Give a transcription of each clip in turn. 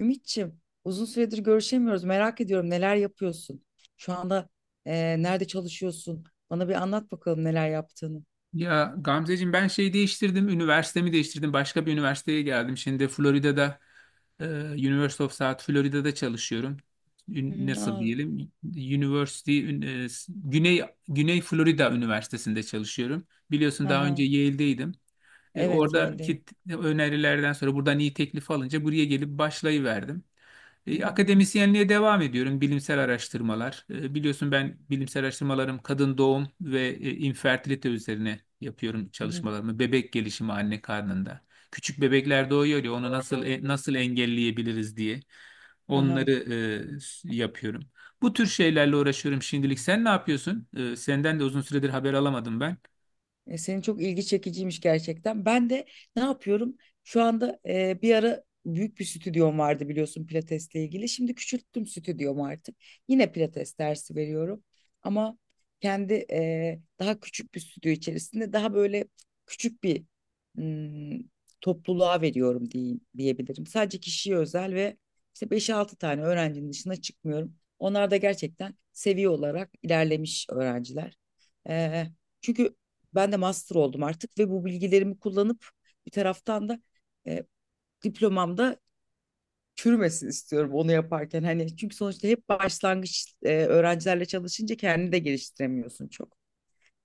Ümitçim, uzun süredir görüşemiyoruz. Merak ediyorum neler yapıyorsun? Şu anda nerede çalışıyorsun? Bana bir anlat bakalım neler yaptığını. Ya Gamzeciğim ben şey değiştirdim, üniversitemi değiştirdim. Başka bir üniversiteye geldim. Şimdi Florida'da, e, University of South Florida'da çalışıyorum. Hı hı, Nasıl aa, diyelim? University ün- e, s- Güney Güney Florida Üniversitesi'nde çalışıyorum. Biliyorsun hı daha önce hı. Yale'deydim. E, Evet, Yale'de. oradaki t- önerilerden sonra buradan iyi teklif alınca buraya gelip başlayıverdim. Hı E, hı, Akademisyenliğe devam ediyorum. Bilimsel araştırmalar. Biliyorsun ben bilimsel araştırmalarım kadın doğum ve infertilite üzerine yapıyorum hı hı, çalışmalarımı. Bebek gelişimi anne karnında. Küçük bebekler doğuyor ya, onu nasıl, nasıl engelleyebiliriz diye hı hı. onları yapıyorum. Bu tür şeylerle uğraşıyorum şimdilik. Sen ne yapıyorsun? Senden de uzun süredir haber alamadım ben. Senin çok ilgi çekiciymiş gerçekten. Ben de ne yapıyorum? Şu anda bir ara büyük bir stüdyom vardı biliyorsun pilatesle ilgili. Şimdi küçülttüm stüdyomu artık. Yine pilates dersi veriyorum. Ama kendi daha küçük bir stüdyo içerisinde daha böyle küçük bir hmm, topluluğa veriyorum diye, diyebilirim. Sadece kişiye özel ve işte beş altı tane öğrencinin dışına çıkmıyorum. Onlar da gerçekten seviye olarak ilerlemiş öğrenciler. E, Çünkü ben de master oldum artık ve bu bilgilerimi kullanıp bir taraftan da e, diplomamda çürümesin istiyorum onu yaparken. Hani çünkü sonuçta hep başlangıç öğrencilerle çalışınca kendini de geliştiremiyorsun çok.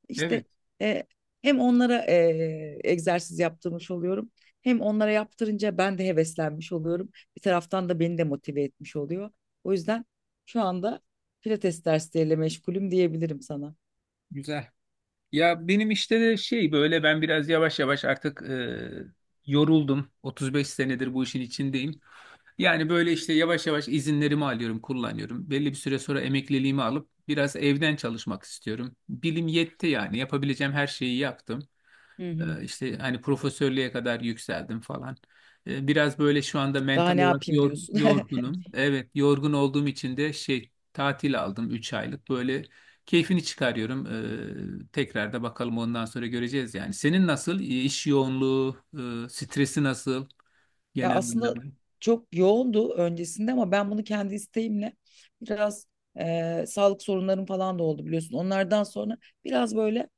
İşte Evet, e, hem onlara egzersiz yaptırmış oluyorum. Hem onlara yaptırınca ben de heveslenmiş oluyorum. Bir taraftan da beni de motive etmiş oluyor. O yüzden şu anda pilates dersleriyle meşgulüm diyebilirim sana. güzel. Ya benim işte de şey böyle ben biraz yavaş yavaş artık, yoruldum. 35 senedir bu işin içindeyim. Yani böyle işte yavaş yavaş izinlerimi alıyorum, kullanıyorum. Belli bir süre sonra emekliliğimi alıp biraz evden çalışmak istiyorum. Bilim yetti yani, yapabileceğim her şeyi yaptım. Hı hı. İşte hani profesörlüğe kadar yükseldim falan. Biraz böyle şu anda Daha mental ne olarak yapayım diyorsun. yorgunum. Evet, yorgun olduğum için de şey tatil aldım 3 aylık. Böyle keyfini çıkarıyorum. Tekrar da bakalım, ondan sonra göreceğiz yani. Senin nasıl? İş yoğunluğu, stresi nasıl Ya genel anlamda? aslında çok yoğundu öncesinde ama ben bunu kendi isteğimle biraz sağlık sorunlarım falan da oldu biliyorsun. Onlardan sonra biraz böyle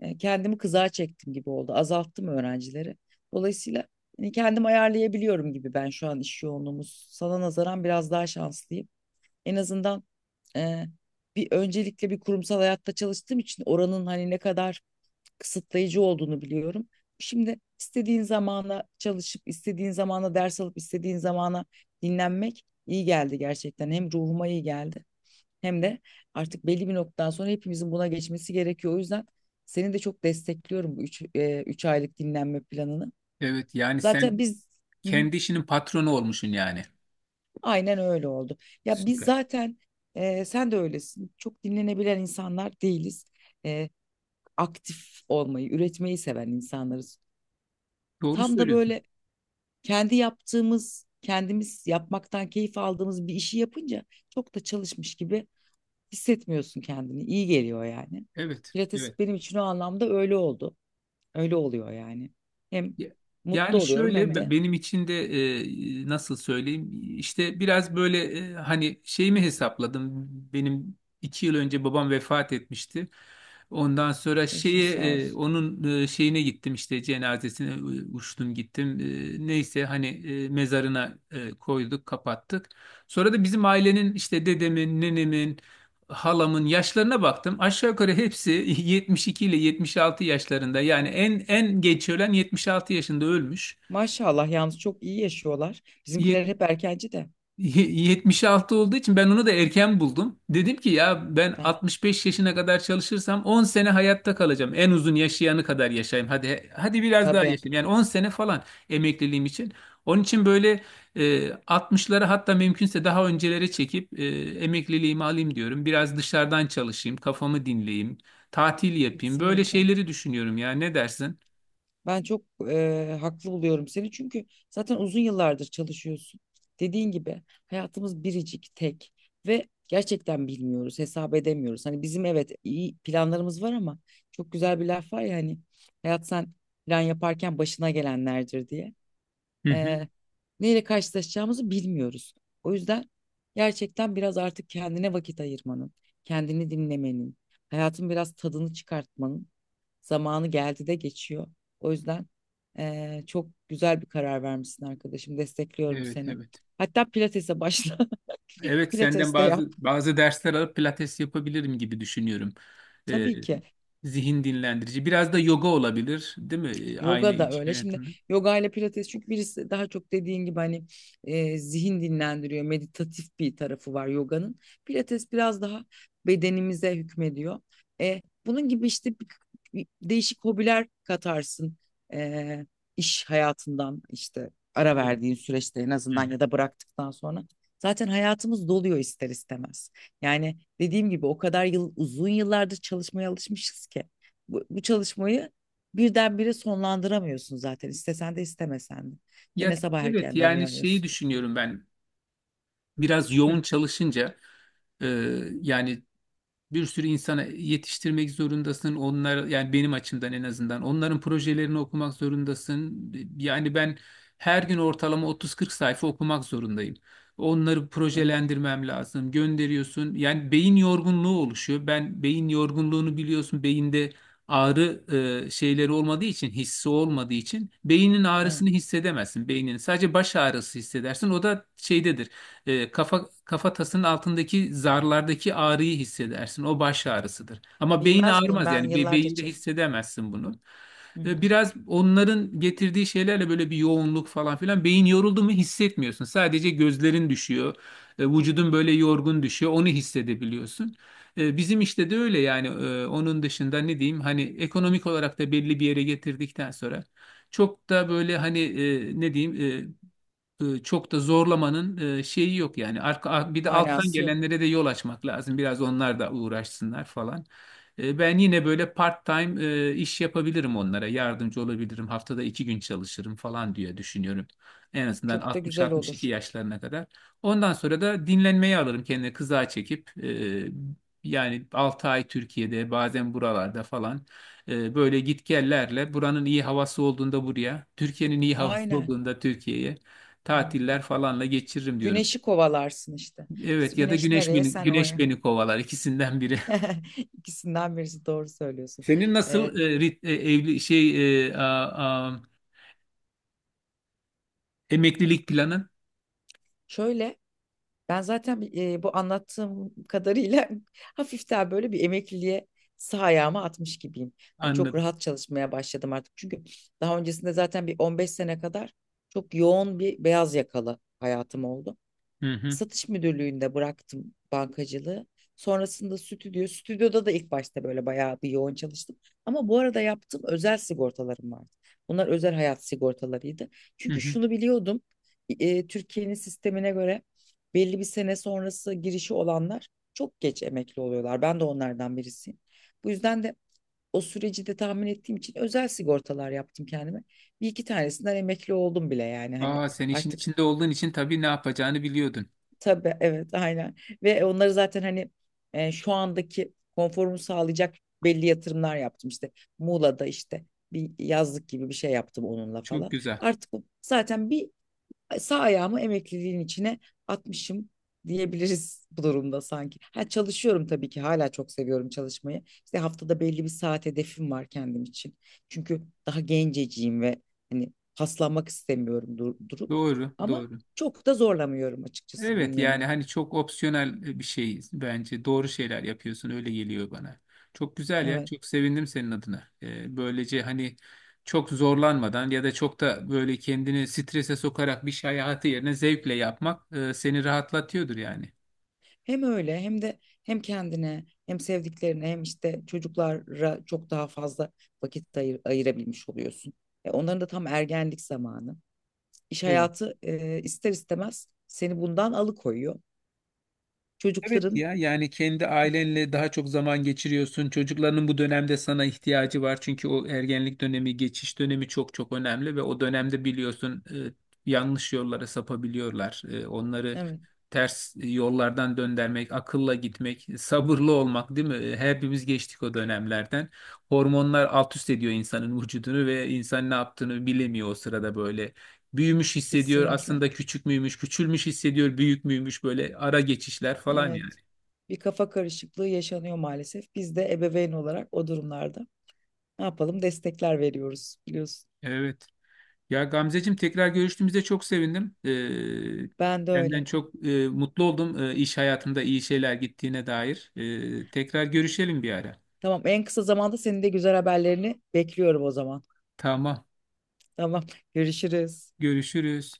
kendimi kızağa çektim gibi oldu. Azalttım öğrencileri. Dolayısıyla hani kendim ayarlayabiliyorum gibi ben şu an iş yoğunluğumuz. Sana nazaran biraz daha şanslıyım. En azından e, bir öncelikle bir kurumsal hayatta çalıştığım için oranın hani ne kadar kısıtlayıcı olduğunu biliyorum. Şimdi istediğin zamana çalışıp, istediğin zamana ders alıp, istediğin zamana dinlenmek iyi geldi gerçekten. Hem ruhuma iyi geldi hem de artık belli bir noktadan sonra hepimizin buna geçmesi gerekiyor. O yüzden seni de çok destekliyorum bu 3 aylık dinlenme planını. Evet, yani Zaten sen biz. Hı hı, kendi işinin patronu olmuşsun yani. aynen öyle oldu. Ya biz Süper. zaten sen de öylesin. Çok dinlenebilen insanlar değiliz. E, Aktif olmayı, üretmeyi seven insanlarız. Doğru Tam da söylüyorsun. böyle kendi yaptığımız, kendimiz yapmaktan keyif aldığımız bir işi yapınca çok da çalışmış gibi hissetmiyorsun kendini. İyi geliyor yani. Evet, Pilates evet. benim için o anlamda öyle oldu. Öyle oluyor yani. Hem Ya- mutlu Yani oluyorum şöyle, hem de benim için de nasıl söyleyeyim, işte biraz böyle hani şeyimi hesapladım. Benim 2 yıl önce babam vefat etmişti, ondan sonra başınız şeye, sağ olsun. onun şeyine gittim, işte cenazesine, uçtum gittim. Neyse hani, mezarına koyduk, kapattık. Sonra da bizim ailenin, işte dedemin, nenemin, halamın yaşlarına baktım. Aşağı yukarı hepsi 72 ile 76 yaşlarında. Yani en geç ölen 76 yaşında ölmüş. Maşallah yalnız çok iyi yaşıyorlar. Bizimkiler hep erkenci de. 76 olduğu için ben onu da erken buldum. Dedim ki ya, ben Heh, 65 yaşına kadar çalışırsam 10 sene hayatta kalacağım. En uzun yaşayanı kadar yaşayayım. Hadi hadi biraz daha tabii. yaşayayım. Yani 10 sene falan emekliliğim için. Onun için böyle, 60'ları, hatta mümkünse daha öncelere çekip, emekliliğimi alayım diyorum. Biraz dışarıdan çalışayım, kafamı dinleyeyim, tatil yapayım. Böyle Kesinlikle. şeyleri düşünüyorum ya. Ne dersin? Ben çok haklı buluyorum seni çünkü zaten uzun yıllardır çalışıyorsun. Dediğin gibi hayatımız biricik, tek ve gerçekten bilmiyoruz, hesap edemiyoruz. Hani bizim evet iyi planlarımız var ama çok güzel bir laf var ya hani hayat sen plan yaparken başına gelenlerdir diye, Hı hı. eee neyle karşılaşacağımızı bilmiyoruz. O yüzden gerçekten biraz artık kendine vakit ayırmanın, kendini dinlemenin, hayatın biraz tadını çıkartmanın zamanı geldi de geçiyor. O yüzden çok güzel bir karar vermişsin arkadaşım. Destekliyorum Evet, seni. evet. Hatta pilatese başla. Evet, senden Pilates de yap. bazı bazı dersler alıp pilates yapabilirim gibi düşünüyorum. Ee, Tabii ki. zihin dinlendirici. Biraz da yoga olabilir, değil mi? Aynı Yoga da iş öyle. Şimdi hayatında. yoga ile pilates çünkü birisi daha çok dediğin gibi hani zihin dinlendiriyor, meditatif bir tarafı var yoganın. Pilates biraz daha bedenimize hükmediyor. Bunun gibi işte bir değişik hobiler katarsın e, iş hayatından işte ara Evet. verdiğin süreçte en Hı azından hı. ya da bıraktıktan sonra. Zaten hayatımız doluyor ister istemez. Yani dediğim gibi o kadar yıl uzun yıllardır çalışmaya alışmışız ki bu çalışmayı birdenbire sonlandıramıyorsun zaten istesen de istemesen de. Ya, Gene sabah evet, erkenden yani şeyi uyanıyorsun. düşünüyorum ben. Biraz Hı, yoğun çalışınca e, yani bir sürü insana yetiştirmek zorundasın. Onlar, yani benim açımdan, en azından onların projelerini okumak zorundasın. Yani ben her gün ortalama 30-40 sayfa okumak zorundayım. Onları evet, projelendirmem lazım. Gönderiyorsun. Yani beyin yorgunluğu oluşuyor. Ben beyin yorgunluğunu biliyorsun. Beyinde ağrı şeyleri olmadığı için, hissi olmadığı için beynin evet. ağrısını hissedemezsin. Beynin sadece baş ağrısı hissedersin. O da şeydedir. Kafatasının altındaki zarlardaki ağrıyı hissedersin. O baş ağrısıdır. Ama beyin Bilmez miyim ağrımaz ben yani, yıllarca beyinde çektim. hissedemezsin bunu. Hı E, hı. biraz onların getirdiği şeylerle böyle bir yoğunluk falan filan, beyin yoruldu mu hissetmiyorsun. Sadece gözlerin düşüyor. Vücudun böyle yorgun düşüyor. Onu hissedebiliyorsun. Bizim işte de öyle yani. Onun dışında ne diyeyim, hani ekonomik olarak da belli bir yere getirdikten sonra çok da böyle hani, ne diyeyim, çok da zorlamanın şeyi yok yani. Bir de alttan Manası yok. gelenlere de yol açmak lazım. Biraz onlar da uğraşsınlar falan. Ben yine böyle part-time, iş yapabilirim onlara. Yardımcı olabilirim. Haftada 2 gün çalışırım falan diye düşünüyorum. En azından Çok da güzel 60-62 olur. yaşlarına kadar. Ondan sonra da dinlenmeyi alırım kendine kıza çekip. Yani 6 ay Türkiye'de, bazen buralarda falan, böyle gitgellerle, buranın iyi havası olduğunda buraya, Türkiye'nin iyi havası Aynen. olduğunda Türkiye'ye Hmm. tatiller falanla geçiririm diyorum. Güneşi kovalarsın işte. İşte Evet, ya da güneş güneş nereye beni, sen güneş oraya. beni kovalar, ikisinden biri. İkisinden birisi doğru söylüyorsun. Senin Ee, nasıl e, rit- e, evli şey e, a- a- emeklilik planın? Şöyle, ben zaten bu anlattığım kadarıyla hafiften böyle bir emekliliğe sağ ayağımı atmış gibiyim. Yani çok Anladım. rahat çalışmaya başladım artık. Çünkü daha öncesinde zaten bir 15 sene kadar çok yoğun bir beyaz yakalı hayatım oldu, Hı hı. satış müdürlüğünde bıraktım bankacılığı. Sonrasında stüdyoda da ilk başta böyle bayağı bir yoğun çalıştım. Ama bu arada yaptığım özel sigortalarım vardı. Bunlar özel hayat sigortalarıydı. Hı Çünkü hı. şunu biliyordum, Türkiye'nin sistemine göre belli bir sene sonrası girişi olanlar çok geç emekli oluyorlar. Ben de onlardan birisiyim. Bu yüzden de o süreci de tahmin ettiğim için özel sigortalar yaptım kendime. Bir iki tanesinden emekli oldum bile yani hani Aa, sen işin artık. içinde olduğun için tabii ne yapacağını biliyordun. Tabii, evet, aynen, ve onları zaten hani şu andaki konforumu sağlayacak belli yatırımlar yaptım işte Muğla'da işte bir yazlık gibi bir şey yaptım onunla Çok falan. güzel. Artık zaten bir sağ ayağımı emekliliğin içine atmışım diyebiliriz bu durumda sanki. Ha, çalışıyorum tabii ki, hala çok seviyorum çalışmayı. İşte haftada belli bir saat hedefim var kendim için. Çünkü daha genceciyim ve hani paslanmak istemiyorum durup, Doğru, ama doğru. çok da zorlamıyorum açıkçası Evet, bünyemi. yani hani çok opsiyonel bir şey, bence doğru şeyler yapıyorsun, öyle geliyor bana. Çok güzel ya, Evet. çok sevindim senin adına. Böylece hani çok zorlanmadan ya da çok da böyle kendini strese sokarak bir şey hayatı yerine zevkle yapmak seni rahatlatıyordur yani. Hem öyle, hem de hem kendine, hem sevdiklerine, hem işte çocuklara çok daha fazla vakit ayırabilmiş oluyorsun. Onların da tam ergenlik zamanı. İş Evet. hayatı ister istemez seni bundan alıkoyuyor. Evet Çocukların ya, yani kendi ailenle daha çok zaman geçiriyorsun. Çocukların bu dönemde sana ihtiyacı var. Çünkü o ergenlik dönemi, geçiş dönemi çok çok önemli ve o dönemde biliyorsun, yanlış yollara sapabiliyorlar. Onları evet, ters yollardan döndürmek, akılla gitmek, sabırlı olmak, değil mi? Hepimiz geçtik o dönemlerden. Hormonlar alt üst ediyor insanın vücudunu ve insan ne yaptığını bilemiyor o sırada böyle. Büyümüş hissediyor, kesinlikle, aslında küçük müymüş, küçülmüş hissediyor, büyük müymüş, böyle ara geçişler falan evet, yani. bir kafa karışıklığı yaşanıyor maalesef. Biz de ebeveyn olarak o durumlarda ne yapalım destekler veriyoruz biliyorsun. Evet. Ya Gamzeciğim, tekrar görüştüğümüzde çok sevindim. Ee, Ben de Senden öyle. çok mutlu oldum, iş hayatımda iyi şeyler gittiğine dair. Tekrar görüşelim bir ara. Tamam, en kısa zamanda senin de güzel haberlerini bekliyorum o zaman. Tamam. Tamam, görüşürüz. Görüşürüz.